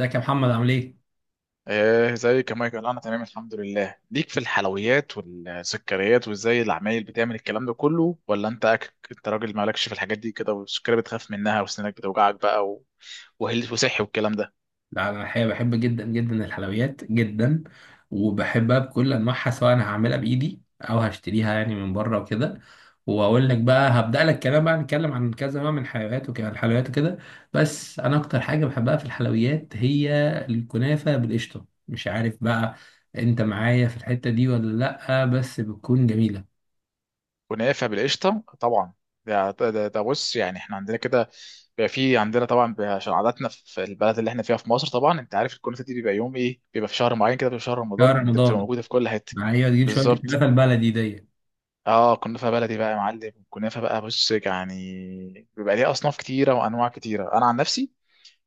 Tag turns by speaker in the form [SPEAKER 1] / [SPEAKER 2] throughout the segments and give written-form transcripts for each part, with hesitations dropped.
[SPEAKER 1] ازيك يا محمد عامل ايه؟
[SPEAKER 2] ايه زي كمان كده انا تمام الحمد لله. ليك في الحلويات والسكريات، وازاي العمايل بتعمل الكلام ده كله؟ ولا انت انت راجل مالكش في الحاجات دي كده، والسكريات بتخاف منها وسنانك بتوجعك بقى وهل وصحي والكلام ده
[SPEAKER 1] لا، انا الحقيقه بحب جدا جدا الحلويات جدا. وبحبها بكل انواعها، سواء انا هعملها بايدي او هشتريها يعني من بره وكده. واقول لك بقى هبدا لك كلام بقى، نتكلم عن كذا نوع من الحلويات وكده. بس انا اكتر حاجه بحبها في الحلويات هي الكنافه بالقشطه. مش عارف بقى، انت معايا في الحته دي ولا؟ لا بس بتكون جميله.
[SPEAKER 2] ونافع؟ بالقشطه طبعا. ده بص، يعني احنا عندنا كده بيبقى في عندنا طبعا، بيبقى عشان عاداتنا في البلد اللي احنا فيها في مصر. طبعا انت عارف الكنافه دي بيبقى يوم ايه، بيبقى في شهر معين كده، بيبقى في شهر
[SPEAKER 1] شهر
[SPEAKER 2] رمضان، ده بتبقى
[SPEAKER 1] رمضان.
[SPEAKER 2] موجوده في كل حته.
[SPEAKER 1] معايا تجيب شويه
[SPEAKER 2] بالظبط،
[SPEAKER 1] الكنافه البلدي دي.
[SPEAKER 2] اه كنافه بلدي بقى يا معلم. كنافه بقى، بص يعني بيبقى ليها اصناف كتيره وانواع كتيره. انا عن نفسي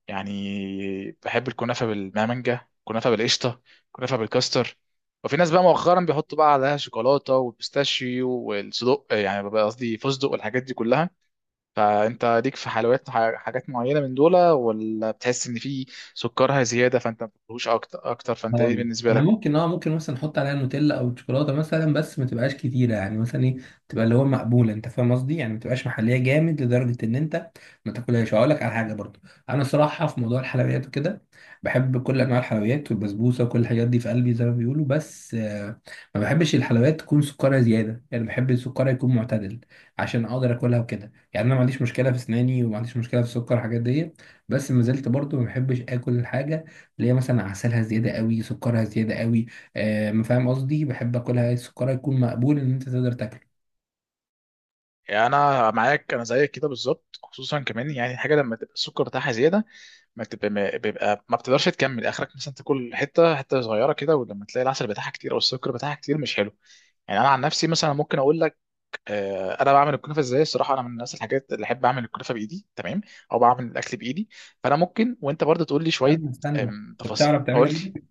[SPEAKER 2] يعني بحب الكنافه بالمانجا، كنافه بالقشطه، كنافه بالكاستر. وفي ناس بقى مؤخرا بيحطوا بقى عليها شوكولاته والبيستاشيو والصدق، يعني بقى قصدي فستق والحاجات دي كلها. فانت ليك في حلويات حاجات معينه من دول، ولا بتحس ان في سكرها زياده فانت ما بتحبوش اكتر اكتر؟ فانت ايه
[SPEAKER 1] هقول لك،
[SPEAKER 2] بالنسبه
[SPEAKER 1] انا
[SPEAKER 2] لك؟
[SPEAKER 1] ممكن، ممكن مثلا احط عليها نوتيلا او شوكولاته مثلا، بس ما تبقاش كتيره، يعني مثلا ايه، تبقى اللي هو مقبوله، انت فاهم قصدي، يعني ما تبقاش محليه جامد لدرجه ان انت ما تاكلهاش. هقول لك على حاجه برضو. انا صراحه في موضوع الحلويات وكده، بحب كل انواع الحلويات والبسبوسه وكل الحاجات دي في قلبي زي ما بيقولوا، بس ما بحبش الحلويات تكون سكرها زياده، يعني بحب السكر يكون معتدل عشان اقدر اكلها وكده. يعني انا ما عنديش مشكله في اسناني، وما عنديش مشكله في السكر والحاجات دي. بس ما زلت برضو ما بحبش اكل الحاجه اللي هي مثلا عسلها زياده قوي، سكرها زياده قوي. ما فاهم قصدي، بحب اكلها سكرها يكون مقبول ان انت تقدر تاكله.
[SPEAKER 2] يعني انا معاك، انا زيك كده بالظبط. خصوصا كمان يعني الحاجه لما تبقى السكر بتاعها زياده، ما تبقى ما بيبقى ما بتقدرش تكمل اخرك، مثلا تاكل حته حته صغيره كده، ولما تلاقي العسل بتاعها كتير او السكر بتاعها كتير مش حلو. يعني انا عن نفسي مثلا ممكن اقول لك، انا بعمل الكنافه ازاي الصراحه. انا من الناس الحاجات اللي احب اعمل الكنافه بايدي، تمام، او بعمل الاكل بايدي. فانا ممكن، وانت برضه تقول لي شويه
[SPEAKER 1] استنى استنى. انت
[SPEAKER 2] تفاصيل،
[SPEAKER 1] بتعرف تعملها
[SPEAKER 2] قول لي.
[SPEAKER 1] بايدك؟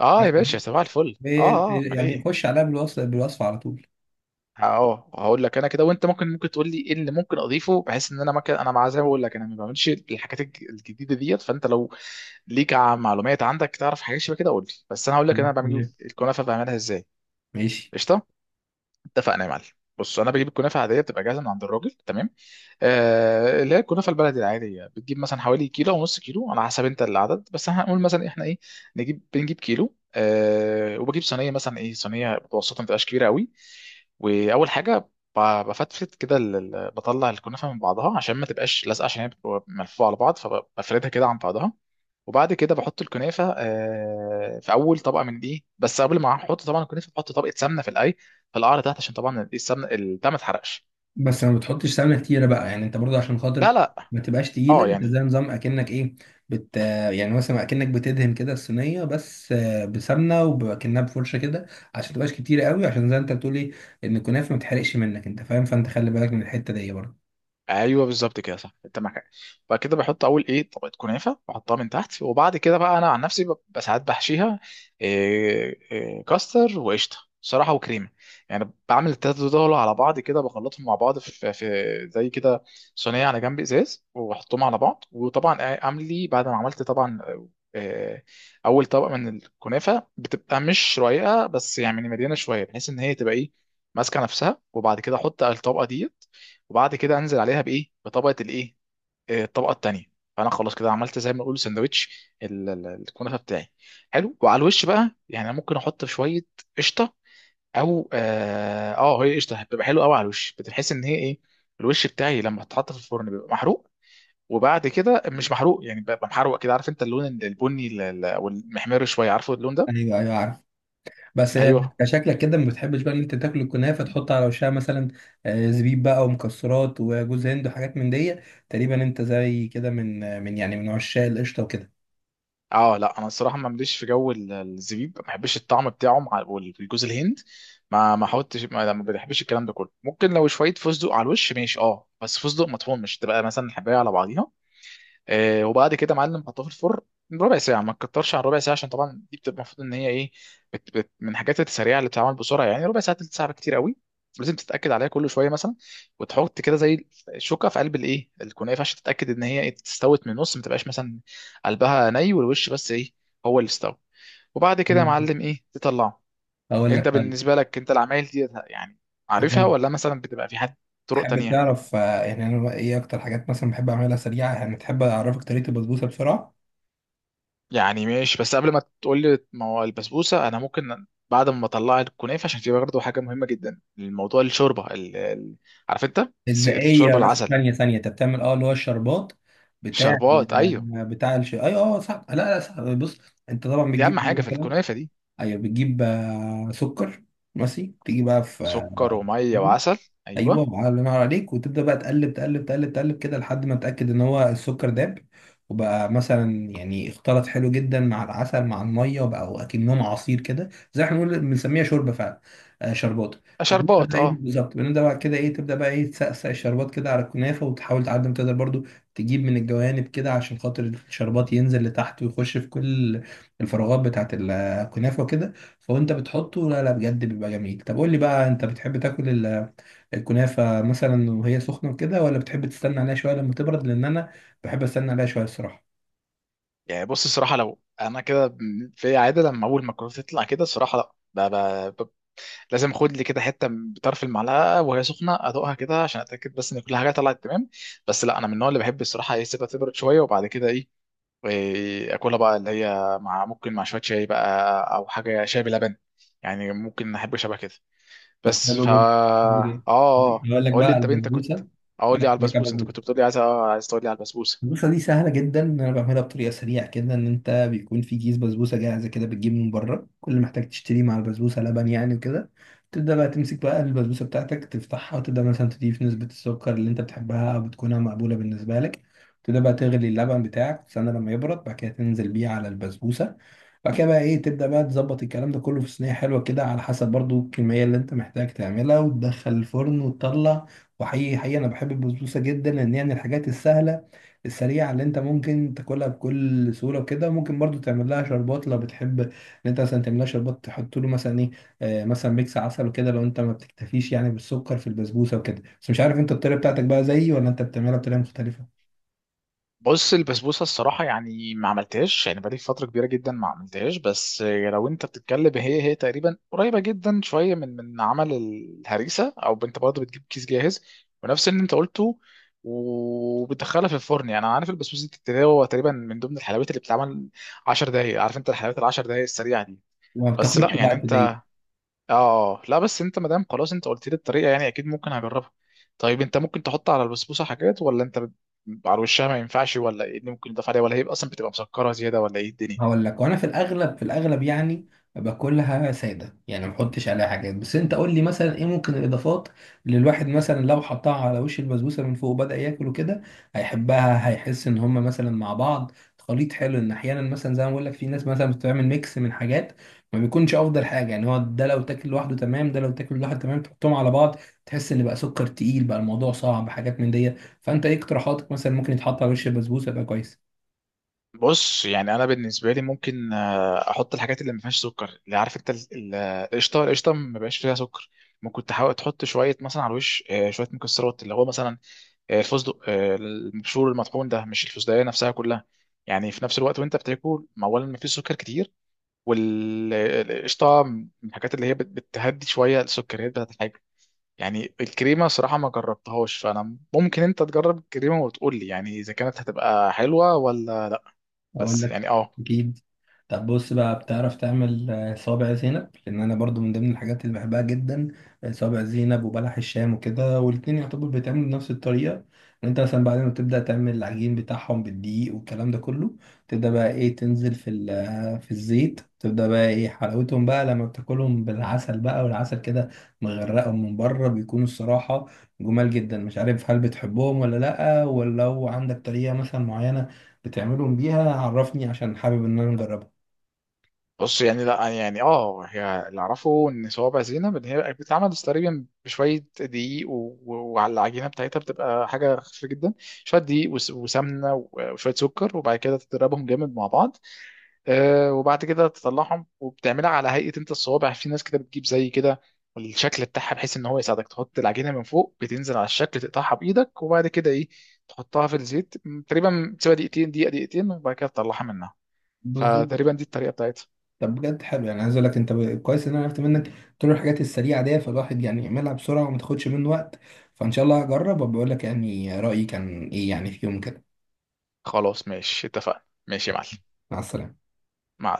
[SPEAKER 2] اه يا
[SPEAKER 1] بتعرف تعملها؟
[SPEAKER 2] باشا، صباح الفل. اه امال
[SPEAKER 1] يعني
[SPEAKER 2] ايه.
[SPEAKER 1] خش عليها بالوصف على طول.
[SPEAKER 2] اه هقول لك انا كده، وانت ممكن تقول لي ايه اللي ممكن اضيفه، بحيث ان انا ممكن، انا مع زي ما بقول لك، انا ما بعملش الحاجات الجديده ديت. فانت لو ليك معلومات عندك تعرف حاجات شبه كده قول لي، بس انا هقول لك انا بعمل
[SPEAKER 1] مم.
[SPEAKER 2] الكنافه بعملها ازاي.
[SPEAKER 1] ماشي.
[SPEAKER 2] قشطه، اتفقنا يا معلم. بص، انا بجيب الكنافه عاديه بتبقى جاهزه من عند الراجل، تمام، اللي هي الكنافه البلدي العاديه. بتجيب مثلا حوالي كيلو او نص كيلو على حسب انت العدد، بس احنا هنقول مثلا احنا ايه، بنجيب كيلو أه، وبجيب صينيه مثلا ايه، صينيه متوسطه ما تبقاش كبيره قوي. واول حاجه ب- بفتفت كده، بطلع الكنافه من بعضها عشان ما تبقاش لازقه، عشان هي بتبقى ملفوفه على بعض، فبفردها كده عن بعضها. وبعد كده بحط الكنافه أه في اول طبقه من دي، بس قبل ما احط طبعا الكنافه بحط طبقه سمنه في الاي، في القعر تحت، عشان طبعا السمنه البتاع ما تحرقش.
[SPEAKER 1] بس ما بتحطش سمنه كتيره بقى، يعني انت برضه، عشان
[SPEAKER 2] لا
[SPEAKER 1] خاطر
[SPEAKER 2] لا
[SPEAKER 1] ما تبقاش تقيله،
[SPEAKER 2] اه
[SPEAKER 1] انت زي
[SPEAKER 2] يعني
[SPEAKER 1] نظام اكنك ايه. بت يعني مثلا اكنك بتدهن كده الصينيه بس بسمنه، وبكنها بفرشه كده عشان ما تبقاش كتيره قوي، عشان زي انت بتقولي ان الكنافه ما تحرقش منك، انت فاهم، فانت خلي بالك من الحته دي برضه.
[SPEAKER 2] ايوه بالظبط كده، صح، انت معاك حق. بعد كده بحط اول ايه طبقه كنافه بحطها من تحت. وبعد كده بقى انا عن نفسي ساعات بحشيها إيه إيه كاستر وقشطه صراحه وكريمه. يعني بعمل التلاته دول على بعض كده، بخلطهم مع بعض في, في زي كده صينيه على جنب ازاز، واحطهم على بعض. وطبعا اعمل لي بعد ما عملت طبعا، آه، اول طبقه من الكنافه بتبقى مش رقيقه، بس يعني مليانه شويه بحيث ان هي تبقى ايه، ماسكه نفسها. وبعد كده احط الطبقه دي. وبعد كده انزل عليها بايه، بطبقه الايه، الطبقه التانيه. فانا خلاص كده عملت زي ما نقول سندوتش الكنافه بتاعي. حلو. وعلى الوش بقى، يعني أنا ممكن احط شويه قشطه، او اه هي قشطه بتبقى حلوه قوي على الوش. بتحس ان هي ايه، الوش بتاعي لما اتحط في الفرن بيبقى محروق، وبعد كده مش محروق، يعني بيبقى محروق كده، عارف انت اللون البني او المحمر شويه، عارفه اللون ده.
[SPEAKER 1] ايوه، ايوه، عارف. بس
[SPEAKER 2] ايوه.
[SPEAKER 1] شكلك كده ما بتحبش بقى ان انت تاكل الكنافه تحط على وشها مثلا زبيب بقى ومكسرات وجوز هند وحاجات من دي. تقريبا انت زي كده من من عشاق القشطه وكده.
[SPEAKER 2] اه لا، انا الصراحه ما مليش في جو الزبيب، ما بحبش الطعم بتاعه مع والجوز الهند، ما ما حاولتش، ما ما بحبش الكلام ده كله. ممكن لو شويه فستق على الوش ماشي اه، بس فستق مطحون، مش تبقى مثلا الحبايه على بعضيها. وبعد كده يا معلم حطها في الفرن ربع ساعة، ما تكترش عن ربع ساعة، عشان طبعا دي بتبقى المفروض ان هي ايه، بت بت من الحاجات السريعة اللي بتتعمل بسرعة. يعني ربع ساعة، تلت ساعة كتير قوي. لازم تتأكد عليها كل شوية مثلا، وتحط كده زي الشوكة في قلب الايه الكنافة عشان تتأكد ان هي استوت من النص، ما تبقاش مثلا قلبها ني والوش بس ايه هو اللي استوى. وبعد كده يا معلم ايه تطلعه.
[SPEAKER 1] اقول
[SPEAKER 2] انت
[SPEAKER 1] لك، طيب.
[SPEAKER 2] بالنسبة لك انت العمايل دي يعني
[SPEAKER 1] أقول
[SPEAKER 2] عارفها،
[SPEAKER 1] لك.
[SPEAKER 2] ولا مثلا بتبقى في حد طرق
[SPEAKER 1] تحب
[SPEAKER 2] تانية؟
[SPEAKER 1] تعرف يعني انا ايه اكتر حاجات مثلا بحب اعملها سريعه، يعني تحب اعرفك طريقه البسبوسه بسرعه؟
[SPEAKER 2] يعني ماشي، بس قبل ما تقول لي ما هو البسبوسه، انا ممكن بعد ما اطلع الكنافه، عشان دي برضه حاجه مهمه جدا، الموضوع الشوربه عارف انت،
[SPEAKER 1] اتزاقيه،
[SPEAKER 2] الشوربه
[SPEAKER 1] بس
[SPEAKER 2] العسل.
[SPEAKER 1] ثانيه ثانيه، انت بتعمل اللي هو الشربات بتاع
[SPEAKER 2] شربات، ايوه.
[SPEAKER 1] آه، بتاع الش... اي، اه، صح، لا لا، صح، بص. انت طبعا
[SPEAKER 2] دي اهم
[SPEAKER 1] بتجيب.
[SPEAKER 2] حاجه في الكنافه دي.
[SPEAKER 1] ايوه، بتجيب سكر. ماشي، تيجي بقى في آه،
[SPEAKER 2] سكر وميه وعسل، ايوه.
[SPEAKER 1] ايوه. الله ينور عليك، وتبدا بقى تقلب تقلب تقلب تقلب كده لحد ما تتاكد ان هو السكر داب، وبقى مثلا يعني اختلط حلو جدا مع العسل مع الميه، وبقى اكنهم عصير كده، زي احنا بنقول بنسميها شوربه فعلا. آه، شربات. فبنبدا
[SPEAKER 2] شربات
[SPEAKER 1] بقى ايه
[SPEAKER 2] اه.
[SPEAKER 1] بالظبط، بنبدا بقى كده ايه، تبدا بقى ايه، تسقسق الشربات كده على الكنافه، وتحاول تعدي ما تقدر برضو تجيب من الجوانب كده عشان خاطر الشربات ينزل لتحت ويخش في كل الفراغات بتاعت الكنافه وكده. فوانت بتحطه، لا لا، بجد بيبقى جميل. طب قول لي بقى، انت بتحب تاكل الكنافة مثلا وهي سخنة كده، ولا بتحب تستنى عليها شوية لما تبرد؟ لأن أنا بحب أستنى عليها شوية الصراحة.
[SPEAKER 2] يعني بص الصراحه، لو انا كده في عاده لما اول ما الكنافه تطلع كده، الصراحه لا، ب... ب... ب... لازم اخد لي كده حته بطرف المعلقه وهي سخنه، ادوقها كده عشان اتاكد بس ان كل حاجه طلعت تمام. بس لا، انا من النوع اللي بحب الصراحه ايه، سيبها تبرد شويه، وبعد كده ايه واكلها بقى، اللي هي مع ممكن مع شويه شاي بقى، او حاجه شاي بلبن، يعني ممكن احب شبه كده.
[SPEAKER 1] طب
[SPEAKER 2] بس
[SPEAKER 1] حلو
[SPEAKER 2] فا
[SPEAKER 1] جدا. حلو جدا. أقول لك
[SPEAKER 2] قول
[SPEAKER 1] بقى
[SPEAKER 2] لي
[SPEAKER 1] على
[SPEAKER 2] انت بنتك كنت،
[SPEAKER 1] البسبوسة.
[SPEAKER 2] اقول
[SPEAKER 1] أنا
[SPEAKER 2] لي على
[SPEAKER 1] كنت باكل
[SPEAKER 2] البسبوس،
[SPEAKER 1] بسبوسة.
[SPEAKER 2] انت كنت بتقول لي عايز عايز تقول لي على البسبوسه.
[SPEAKER 1] البسبوسة دي سهلة جدا، إن أنا بعملها بطريقة سريعة كده، إن أنت بيكون في كيس بسبوسة جاهزة كده، بتجيب من بره كل اللي محتاج تشتريه مع البسبوسة، لبن يعني وكده. تبدأ بقى تمسك بقى البسبوسة بتاعتك، تفتحها، وتبدأ مثلا تضيف نسبة السكر اللي أنت بتحبها، أو بتكونها مقبولة بالنسبة لك. تبدأ بقى تغلي اللبن بتاعك، تستنى لما يبرد، بعد كده تنزل بيه على البسبوسة. بعد كده بقى ايه، تبدأ بقى تظبط الكلام ده كله في صينية حلوة كده، على حسب برضو الكمية اللي انت محتاج تعملها، وتدخل الفرن وتطلع. وحقيقي حقيقي انا بحب البسبوسة جدا، لان هي من الحاجات السهلة السريعة اللي انت ممكن تاكلها بكل سهولة وكده. ممكن برضو تعمل لها شربات لو بتحب ان انت مثلا تعمل لها شربات، تحط له مثلا ايه، مثلا ميكس عسل وكده، لو انت ما بتكتفيش يعني بالسكر في البسبوسة وكده. بس مش عارف انت الطريقة بتاعتك بقى زيي، ولا انت بتعملها بطريقة مختلفة؟
[SPEAKER 2] بص البسبوسه الصراحه يعني ما عملتهاش، يعني بقالي فتره كبيره جدا ما عملتهاش. بس لو انت بتتكلم، هي تقريبا قريبه جدا شويه من من عمل الهريسه. او انت برضه بتجيب كيس جاهز، ونفس اللي انت قلته، وبتدخلها في الفرن. يعني انا عارف البسبوسه دي بتتساوي هو تقريبا من ضمن الحلويات اللي بتتعمل 10 دقائق، عارف انت الحلويات ال 10 دقائق السريعه دي.
[SPEAKER 1] وما
[SPEAKER 2] بس لا
[SPEAKER 1] بتاخدش
[SPEAKER 2] يعني
[SPEAKER 1] وقت
[SPEAKER 2] انت
[SPEAKER 1] دي.
[SPEAKER 2] اه، لا بس انت مادام خلاص انت قلت لي الطريقه، يعني اكيد ممكن هجربها. طيب انت ممكن تحط على البسبوسه حاجات، ولا انت على وشها ما ينفعش؟ ولا ايه اللي ممكن يضاف عليها، ولا هي اصلا بتبقى مسكره زياده، ولا ايه الدنيا؟
[SPEAKER 1] هقول لك، وانا في الاغلب، يعني باكلها ساده، يعني ما بحطش عليها حاجات. بس انت قول لي مثلا ايه ممكن الاضافات اللي الواحد مثلا لو حطها على وش البسبوسه من فوق وبدا ياكل وكده هيحبها، هيحس ان هم مثلا مع بعض خليط حلو. ان احيانا مثلا زي ما بقول لك، في ناس مثلا بتعمل ميكس من حاجات ما بيكونش افضل حاجه، يعني هو ده لو تاكل لوحده تمام، تحطهم على بعض، تحس ان بقى سكر تقيل، بقى الموضوع صعب، حاجات من دي. فانت ايه اقتراحاتك مثلا ممكن يتحط على وش البسبوسه يبقى كويس؟
[SPEAKER 2] بص يعني انا بالنسبه لي ممكن احط الحاجات اللي ما فيهاش سكر، اللي عارف انت القشطه. القشطه، ما بقاش فيها سكر. ممكن تحاول تحط شويه مثلا على الوش شويه مكسرات، اللي هو مثلا الفستق، المبشور المطحون ده، مش الفستقيه نفسها كلها. يعني في نفس الوقت وانت بتاكل، ما اولا ما فيش سكر كتير، والقشطه من الحاجات اللي هي بتهدي شويه السكريات بتاعت الحاجه. يعني الكريمه صراحه ما جربتهاش، فانا ممكن انت تجرب الكريمه وتقول لي، يعني اذا كانت هتبقى حلوه ولا.
[SPEAKER 1] اقول
[SPEAKER 2] بس
[SPEAKER 1] لك،
[SPEAKER 2] يعني اه،
[SPEAKER 1] اكيد. طب بص بقى، بتعرف تعمل صابع زينب؟ لان انا برضو من ضمن الحاجات اللي بحبها جدا صابع زينب وبلح الشام وكده، والاتنين يعتبر بيتعملوا بنفس الطريقه. ان انت مثلا بعد ما تبدا تعمل العجين بتاعهم بالدقيق والكلام ده كله، تبدا بقى ايه، تنزل في ال- آه، في الزيت، تبدا بقى ايه، حلاوتهم بقى لما بتاكلهم بالعسل بقى، والعسل كده مغرقهم من بره، بيكونوا الصراحه جمال جدا. مش عارف هل بتحبهم ولا لا، ولو عندك طريقه مثلا معينه بتعملهم بيها عرفني عشان حابب ان انا اجربها.
[SPEAKER 2] بص يعني لا، يعني اه هي اللي اعرفه ان صوابع زينب ان هي بتتعمل تقريبا بشويه دقيق وعلى العجينه بتاعتها بتبقى حاجه خفيفه جدا، شويه دقيق وسمنه وشويه سكر، وبعد كده تضربهم جامد مع بعض. وبعد كده تطلعهم، وبتعملها على هيئه انت الصوابع. يعني في ناس كده بتجيب زي كده الشكل بتاعها، بحيث ان هو يساعدك تحط العجينه من فوق بتنزل على الشكل، تقطعها بايدك، وبعد كده ايه تحطها في الزيت، تقريبا تسيبها دقيقتين، دقيقه دقيقتين، وبعد كده تطلعها منها.
[SPEAKER 1] بالظبط.
[SPEAKER 2] فتقريبا دي الطريقه بتاعتها.
[SPEAKER 1] طب بجد حلو، يعني عايز اقول لك انت كويس ان انا عرفت منك كل الحاجات السريعه دي، فالواحد يعني يعملها بسرعه وما تاخدش منه وقت. فان شاء الله هجرب وبقول لك يعني رايي كان ايه، يعني في يوم كده.
[SPEAKER 2] خلاص ماشي، اتفقنا ماشي يا معلم.
[SPEAKER 1] مع السلامه.
[SPEAKER 2] مع